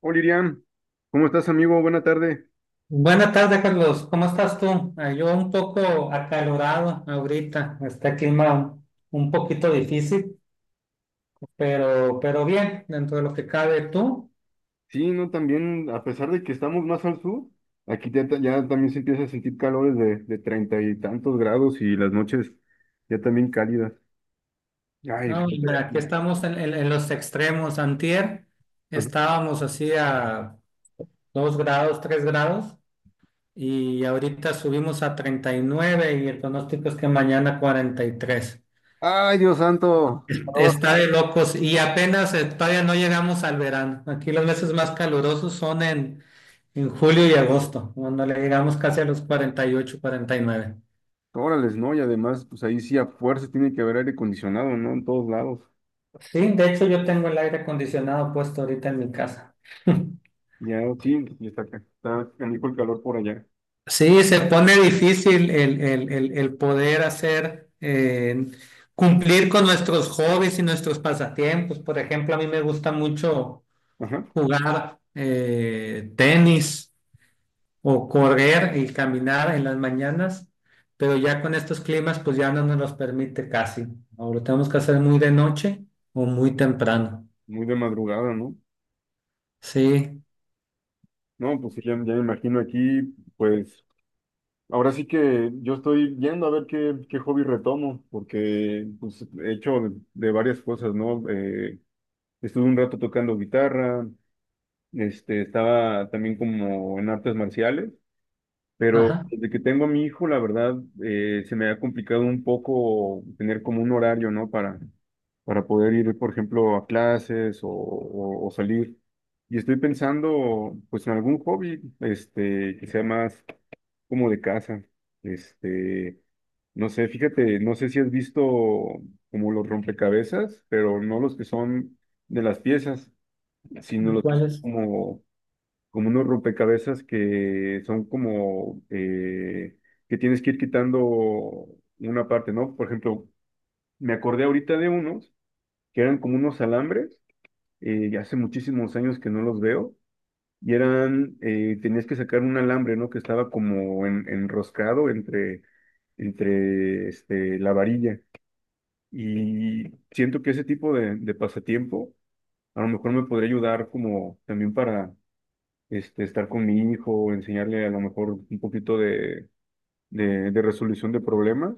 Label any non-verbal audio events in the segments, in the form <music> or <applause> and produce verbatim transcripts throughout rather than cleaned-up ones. Hola, Iriam. ¿Cómo estás, amigo? Buena tarde. Buenas tardes, Carlos. ¿Cómo estás tú? Ah, Yo un poco acalorado ahorita. Está el clima un, un poquito difícil, pero, pero bien, dentro de lo que cabe tú. Sí, no, también, a pesar de que estamos más al sur, aquí ya, ta- ya también se empieza a sentir calores de, de treinta y tantos grados y las noches ya también cálidas. Ay, No, hombre, fíjate. aquí estamos en, en- en los extremos. Antier Ajá. estábamos así a dos grados, tres grados, y ahorita subimos a treinta y nueve y el pronóstico es que mañana cuarenta y tres. Ay, Dios santo, qué calor. Está de locos y apenas eh, todavía no llegamos al verano. Aquí los meses más calurosos son en, en julio y agosto, cuando le llegamos casi a los cuarenta y ocho, cuarenta y nueve. Órales, ¿no? Y además, pues ahí sí a fuerza tiene que haber aire acondicionado, ¿no? En todos lados. Sí, de hecho yo tengo el aire acondicionado puesto ahorita en mi casa. <laughs> Ya, sí, y está, ca- está canijo el calor por allá. Sí, se pone difícil el, el- el- el poder hacer, eh, cumplir con nuestros hobbies y nuestros pasatiempos. Por ejemplo, a mí me gusta mucho Ajá, jugar eh, tenis, o correr y caminar en las mañanas, pero ya con estos climas pues ya no nos los permite casi. Ahora tenemos que hacer muy de noche o muy temprano. muy de madrugada, ¿no? Sí, No, pues sí, ya, ya me imagino aquí, pues. Ahora sí que yo estoy viendo a ver qué, qué hobby retomo, porque pues, he hecho de, de varias cosas, ¿no? Eh, estuve un rato tocando guitarra, este, estaba también como en artes marciales, pero ajá. desde que tengo a mi hijo, la verdad, eh, se me ha complicado un poco tener como un horario, ¿no? Para, para poder ir, por ejemplo, a clases o, o- o salir. Y estoy pensando, pues, en algún hobby, este, que sea más como de casa. Este, no sé, fíjate, no sé si has visto como los rompecabezas, pero no los que son de las piezas, sino los que son ¿Cuáles? como, como unos rompecabezas que son como eh, que tienes que ir quitando una parte, ¿no? Por ejemplo, me acordé ahorita de unos que eran como unos alambres, eh, y hace muchísimos años que no los veo y eran, eh, tenías que sacar un alambre, ¿no? Que estaba como en- enroscado entre, entre este, la varilla. Y siento que ese tipo de, de pasatiempo a lo mejor me podría ayudar como también para este, estar con mi hijo, enseñarle a lo mejor un poquito de, de, de resolución de problemas.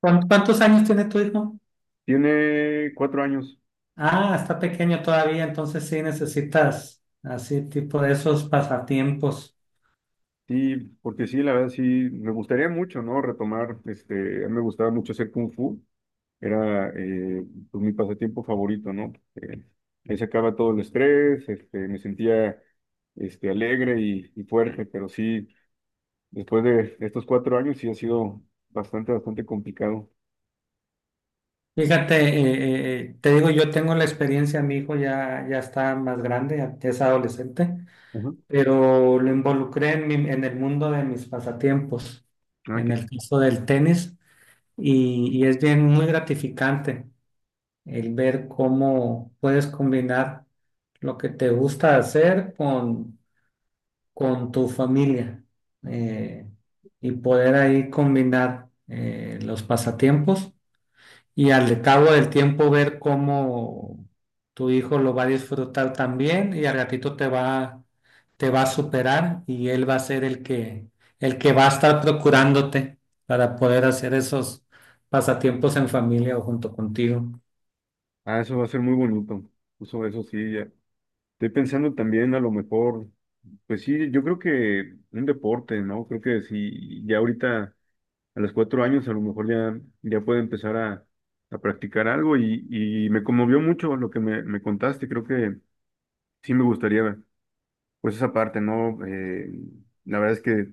¿Cuán- ¿Cuántos años tiene tu hijo? Tiene cuatro años, Ah, está pequeño todavía, entonces sí necesitas así tipo de esos pasatiempos. sí, porque sí, la verdad sí, me gustaría mucho, ¿no? Retomar, este, a mí me gustaba mucho hacer kung fu. Era eh, pues, mi pasatiempo favorito, ¿no? Eh, ahí sacaba todo el estrés, este, me sentía este, alegre y, y fuerte, pero sí, después de estos cuatro años sí ha sido bastante, bastante complicado. Fíjate, eh, eh, eh, te digo, yo tengo la experiencia, mi hijo ya, ya está más grande, ya es adolescente, Ujú. pero lo involucré en, mi- en el mundo de mis pasatiempos, Ah, en qué- el caso del tenis, y, y es bien muy gratificante el ver cómo puedes combinar lo que te gusta hacer con, con tu familia, eh, y poder ahí combinar eh, los pasatiempos y al cabo del tiempo ver cómo tu hijo lo va a disfrutar también y al ratito te va, te va a superar y él va a ser el que, el que va a estar procurándote para poder hacer esos pasatiempos en familia o junto contigo. ah, eso va a ser muy bonito. Eso, eso sí, ya. Estoy pensando también a lo mejor, pues sí, yo creo que un deporte, ¿no? Creo que sí, ya ahorita. A los cuatro años a lo mejor ya, ya puede empezar a, a practicar algo y, y me conmovió mucho lo que me, me contaste. Creo que sí me gustaría, pues esa parte, ¿no? Eh, la verdad es que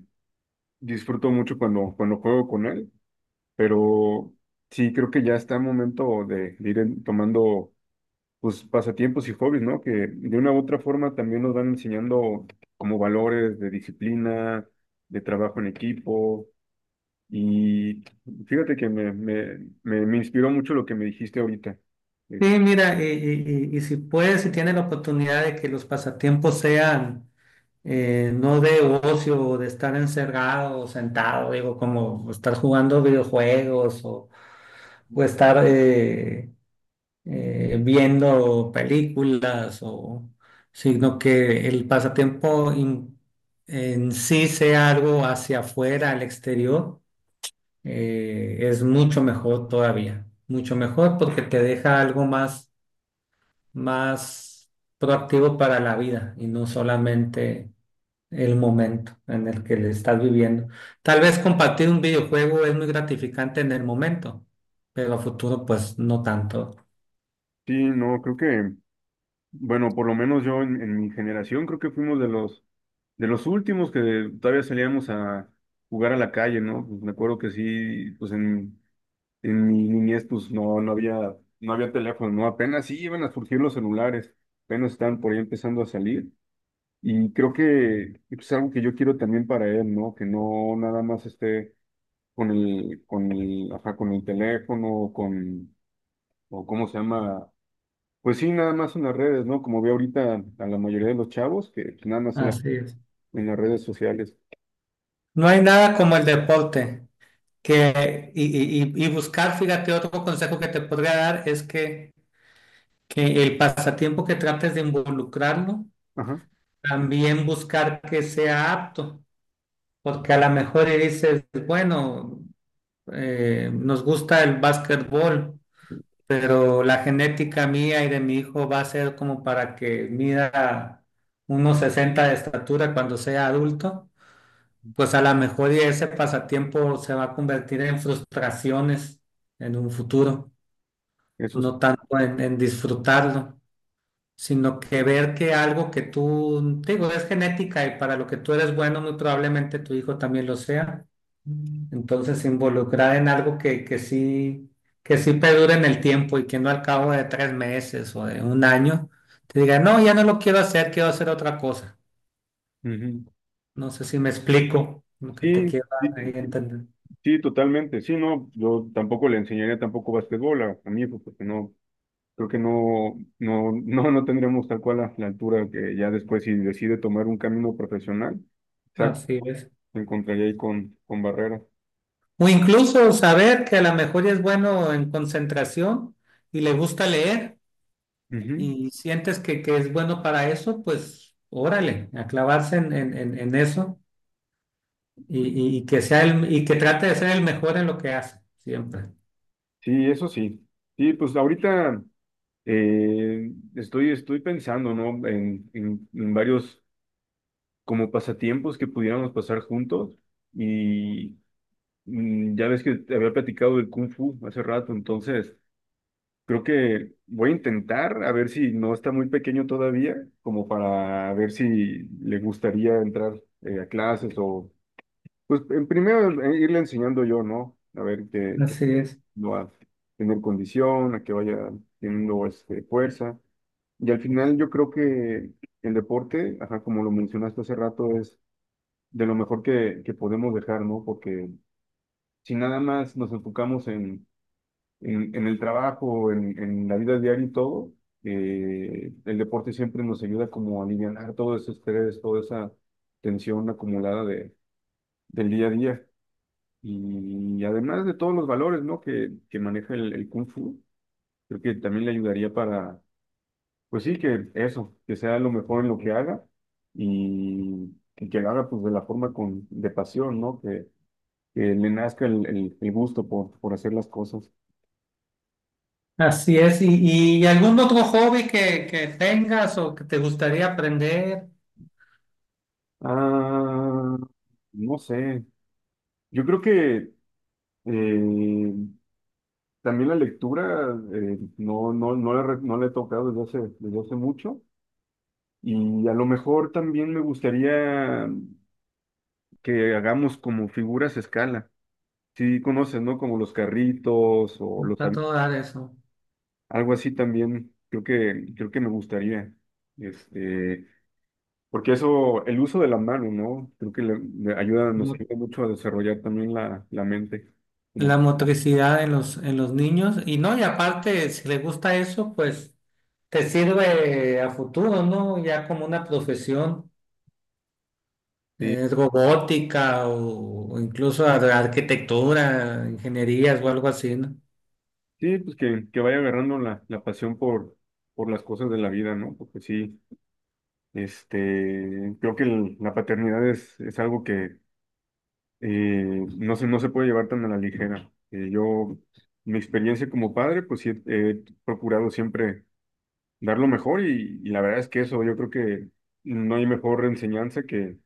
disfruto mucho cuando, cuando juego con él, pero sí creo que ya está el momento de, de ir en- tomando, pues, pasatiempos y hobbies, ¿no? Que de una u otra forma también nos van enseñando como valores de disciplina, de trabajo en equipo. Y fíjate que me, me, me, me inspiró mucho lo que me dijiste ahorita. Es, Sí, mira, y, y- y- y si puedes, si tienes la oportunidad de que los pasatiempos sean eh, no de ocio o de estar encerrado o sentado, digo, como estar jugando videojuegos o, o estar eh, eh, viendo películas o sino que el pasatiempo in- en sí sea algo hacia afuera, al exterior, eh, es mucho mejor todavía, mucho mejor porque te deja algo más, más proactivo para la vida y no solamente el momento en el que le estás viviendo. Tal vez compartir un videojuego es muy gratificante en el momento, pero a futuro pues no tanto. sí, no, creo que, bueno, por lo menos yo en, en mi generación creo que fuimos de los, de los últimos que todavía salíamos a jugar a la calle, ¿no? Pues me acuerdo que sí, pues en, en mi niñez pues no, no había, no había teléfono, ¿no? Apenas sí iban a surgir los celulares, apenas están por ahí empezando a salir. Y creo que pues, es algo que yo quiero también para él, ¿no? Que no nada más esté con el, con el, ajá, con el teléfono, con, o cómo se llama, pues sí, nada más en las redes, ¿no? Como veo ahorita a la mayoría de los chavos, que pues, nada más en, la- Así es. en las redes sociales. No hay nada como el deporte. Que, y, y- y- Y buscar, fíjate, otro consejo que te podría dar es que, que el pasatiempo que trates de involucrarlo, Ajá, también buscar que sea apto, porque a lo mejor y dices, bueno, eh, nos gusta el básquetbol, pero la genética mía y de mi hijo va a ser como para que mida unos sesenta de estatura cuando sea adulto. Pues a lo mejor y ese pasatiempo se va a convertir en frustraciones en un futuro, eso sí. no tanto en, en disfrutarlo, sino que ver que algo que tú, te digo, es genética y para lo que tú eres bueno, muy probablemente tu hijo también lo sea. Mm. Entonces, involucrar en algo que, que sí, que sí perdure en el tiempo y que no al cabo de tres meses o de un año te diga, no, ya no lo quiero hacer, quiero hacer otra cosa. Ujú. No sé si me explico lo que te Sí, quiero dar ahí sí, a entender. sí, totalmente. Sí, no, yo tampoco le enseñaría tampoco básquetbol a, a mi hijo, porque no, creo que no, no, no, no tendremos tal cual la, la altura que ya después si decide tomar un camino profesional, exacto, Así es. se encontraría ahí con, con barreras. O incluso saber que a lo mejor ya es bueno en concentración y le gusta leer y sientes que, que es bueno para eso, pues órale, a clavarse en, en- en- en eso y, y- y que sea el, y que trate de ser el mejor en lo que hace, siempre. Sí, eso sí. Sí, pues ahorita eh, estoy, estoy pensando, ¿no? En, en- en varios como pasatiempos que pudiéramos pasar juntos. Y mm, ya ves que te había platicado del Kung Fu hace rato, entonces creo que voy a intentar a ver si no está muy pequeño todavía, como para ver si le gustaría entrar eh, a clases pues en primero eh, irle enseñando yo, ¿no? A ver que, que Así es. va a tener condición, a que vaya teniendo este, fuerza. Y al final yo creo que el deporte, ajá, como lo mencionaste hace rato, es de lo mejor que, que podemos dejar, ¿no? Porque si nada más nos enfocamos en, en, en el trabajo, en, en la vida diaria y todo, eh, el deporte siempre nos ayuda como a alivianar todo ese estrés, toda esa tensión acumulada de, del día a día. Y además de todos los valores, ¿no? que, que maneja el, el Kung Fu, creo que también le ayudaría para, pues sí, que eso, que sea lo mejor en lo que haga y que, que lo haga pues de la forma con, de pasión, ¿no? Que, que le nazca el, el- el gusto por, por hacer las cosas. Así es. ¿Y, y algún otro hobby que, que tengas o que te gustaría aprender? Ah, no sé, yo creo que eh, también la lectura eh, no, no, no la, re- no la he tocado desde hace, desde hace mucho. Y a lo mejor también me gustaría que hagamos como figuras a escala. Sí, conoces, ¿no? Como los carritos o los Está avi- todo dar eso. algo así también. Creo que creo que me gustaría. Este, porque eso, el uso de la mano, ¿no? Creo que le, le ayuda, nos ayuda mucho a desarrollar también la, la mente. Como, La motricidad en los, en los niños. Y no, y aparte, si les gusta eso, pues te sirve a futuro, ¿no? Ya como una profesión, sí, eh, robótica o, o incluso ar- arquitectura, ingenierías o algo así, ¿no? sí, pues que, que vaya agarrando la, la pasión por, por las cosas de la vida, ¿no? Porque sí, este, creo que el- la paternidad es, es algo que eh, no se, no se puede llevar tan a la ligera. Eh, yo, mi experiencia como padre, pues sí, he he procurado siempre dar lo mejor y, y la verdad es que eso, yo creo que no hay mejor enseñanza que,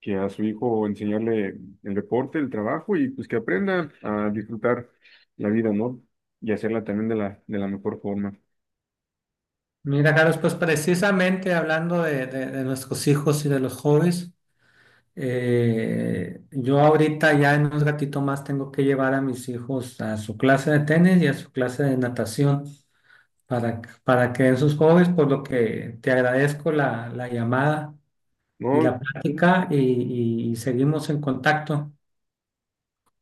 que a su hijo enseñarle el deporte, el trabajo y pues que aprenda a disfrutar la vida, ¿no? Y hacerla también de la, de la mejor forma. Mira, Carlos, pues precisamente hablando de, de- de nuestros hijos y de los jóvenes, eh, yo ahorita ya en un ratito más tengo que llevar a mis hijos a su clase de tenis y a su clase de natación, para, para que den sus hobbies, por lo que te agradezco la, la llamada y No, la plática y, y seguimos en contacto.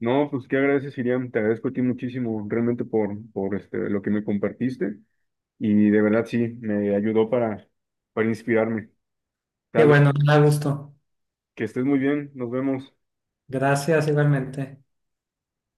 no, pues qué agradeces, Iriam, te agradezco a ti muchísimo realmente por, por este, lo que me compartiste. Y de verdad sí, me ayudó para, para inspirarme. Qué Dale, bueno, me da gusto. que estés muy bien, nos vemos. Gracias igualmente.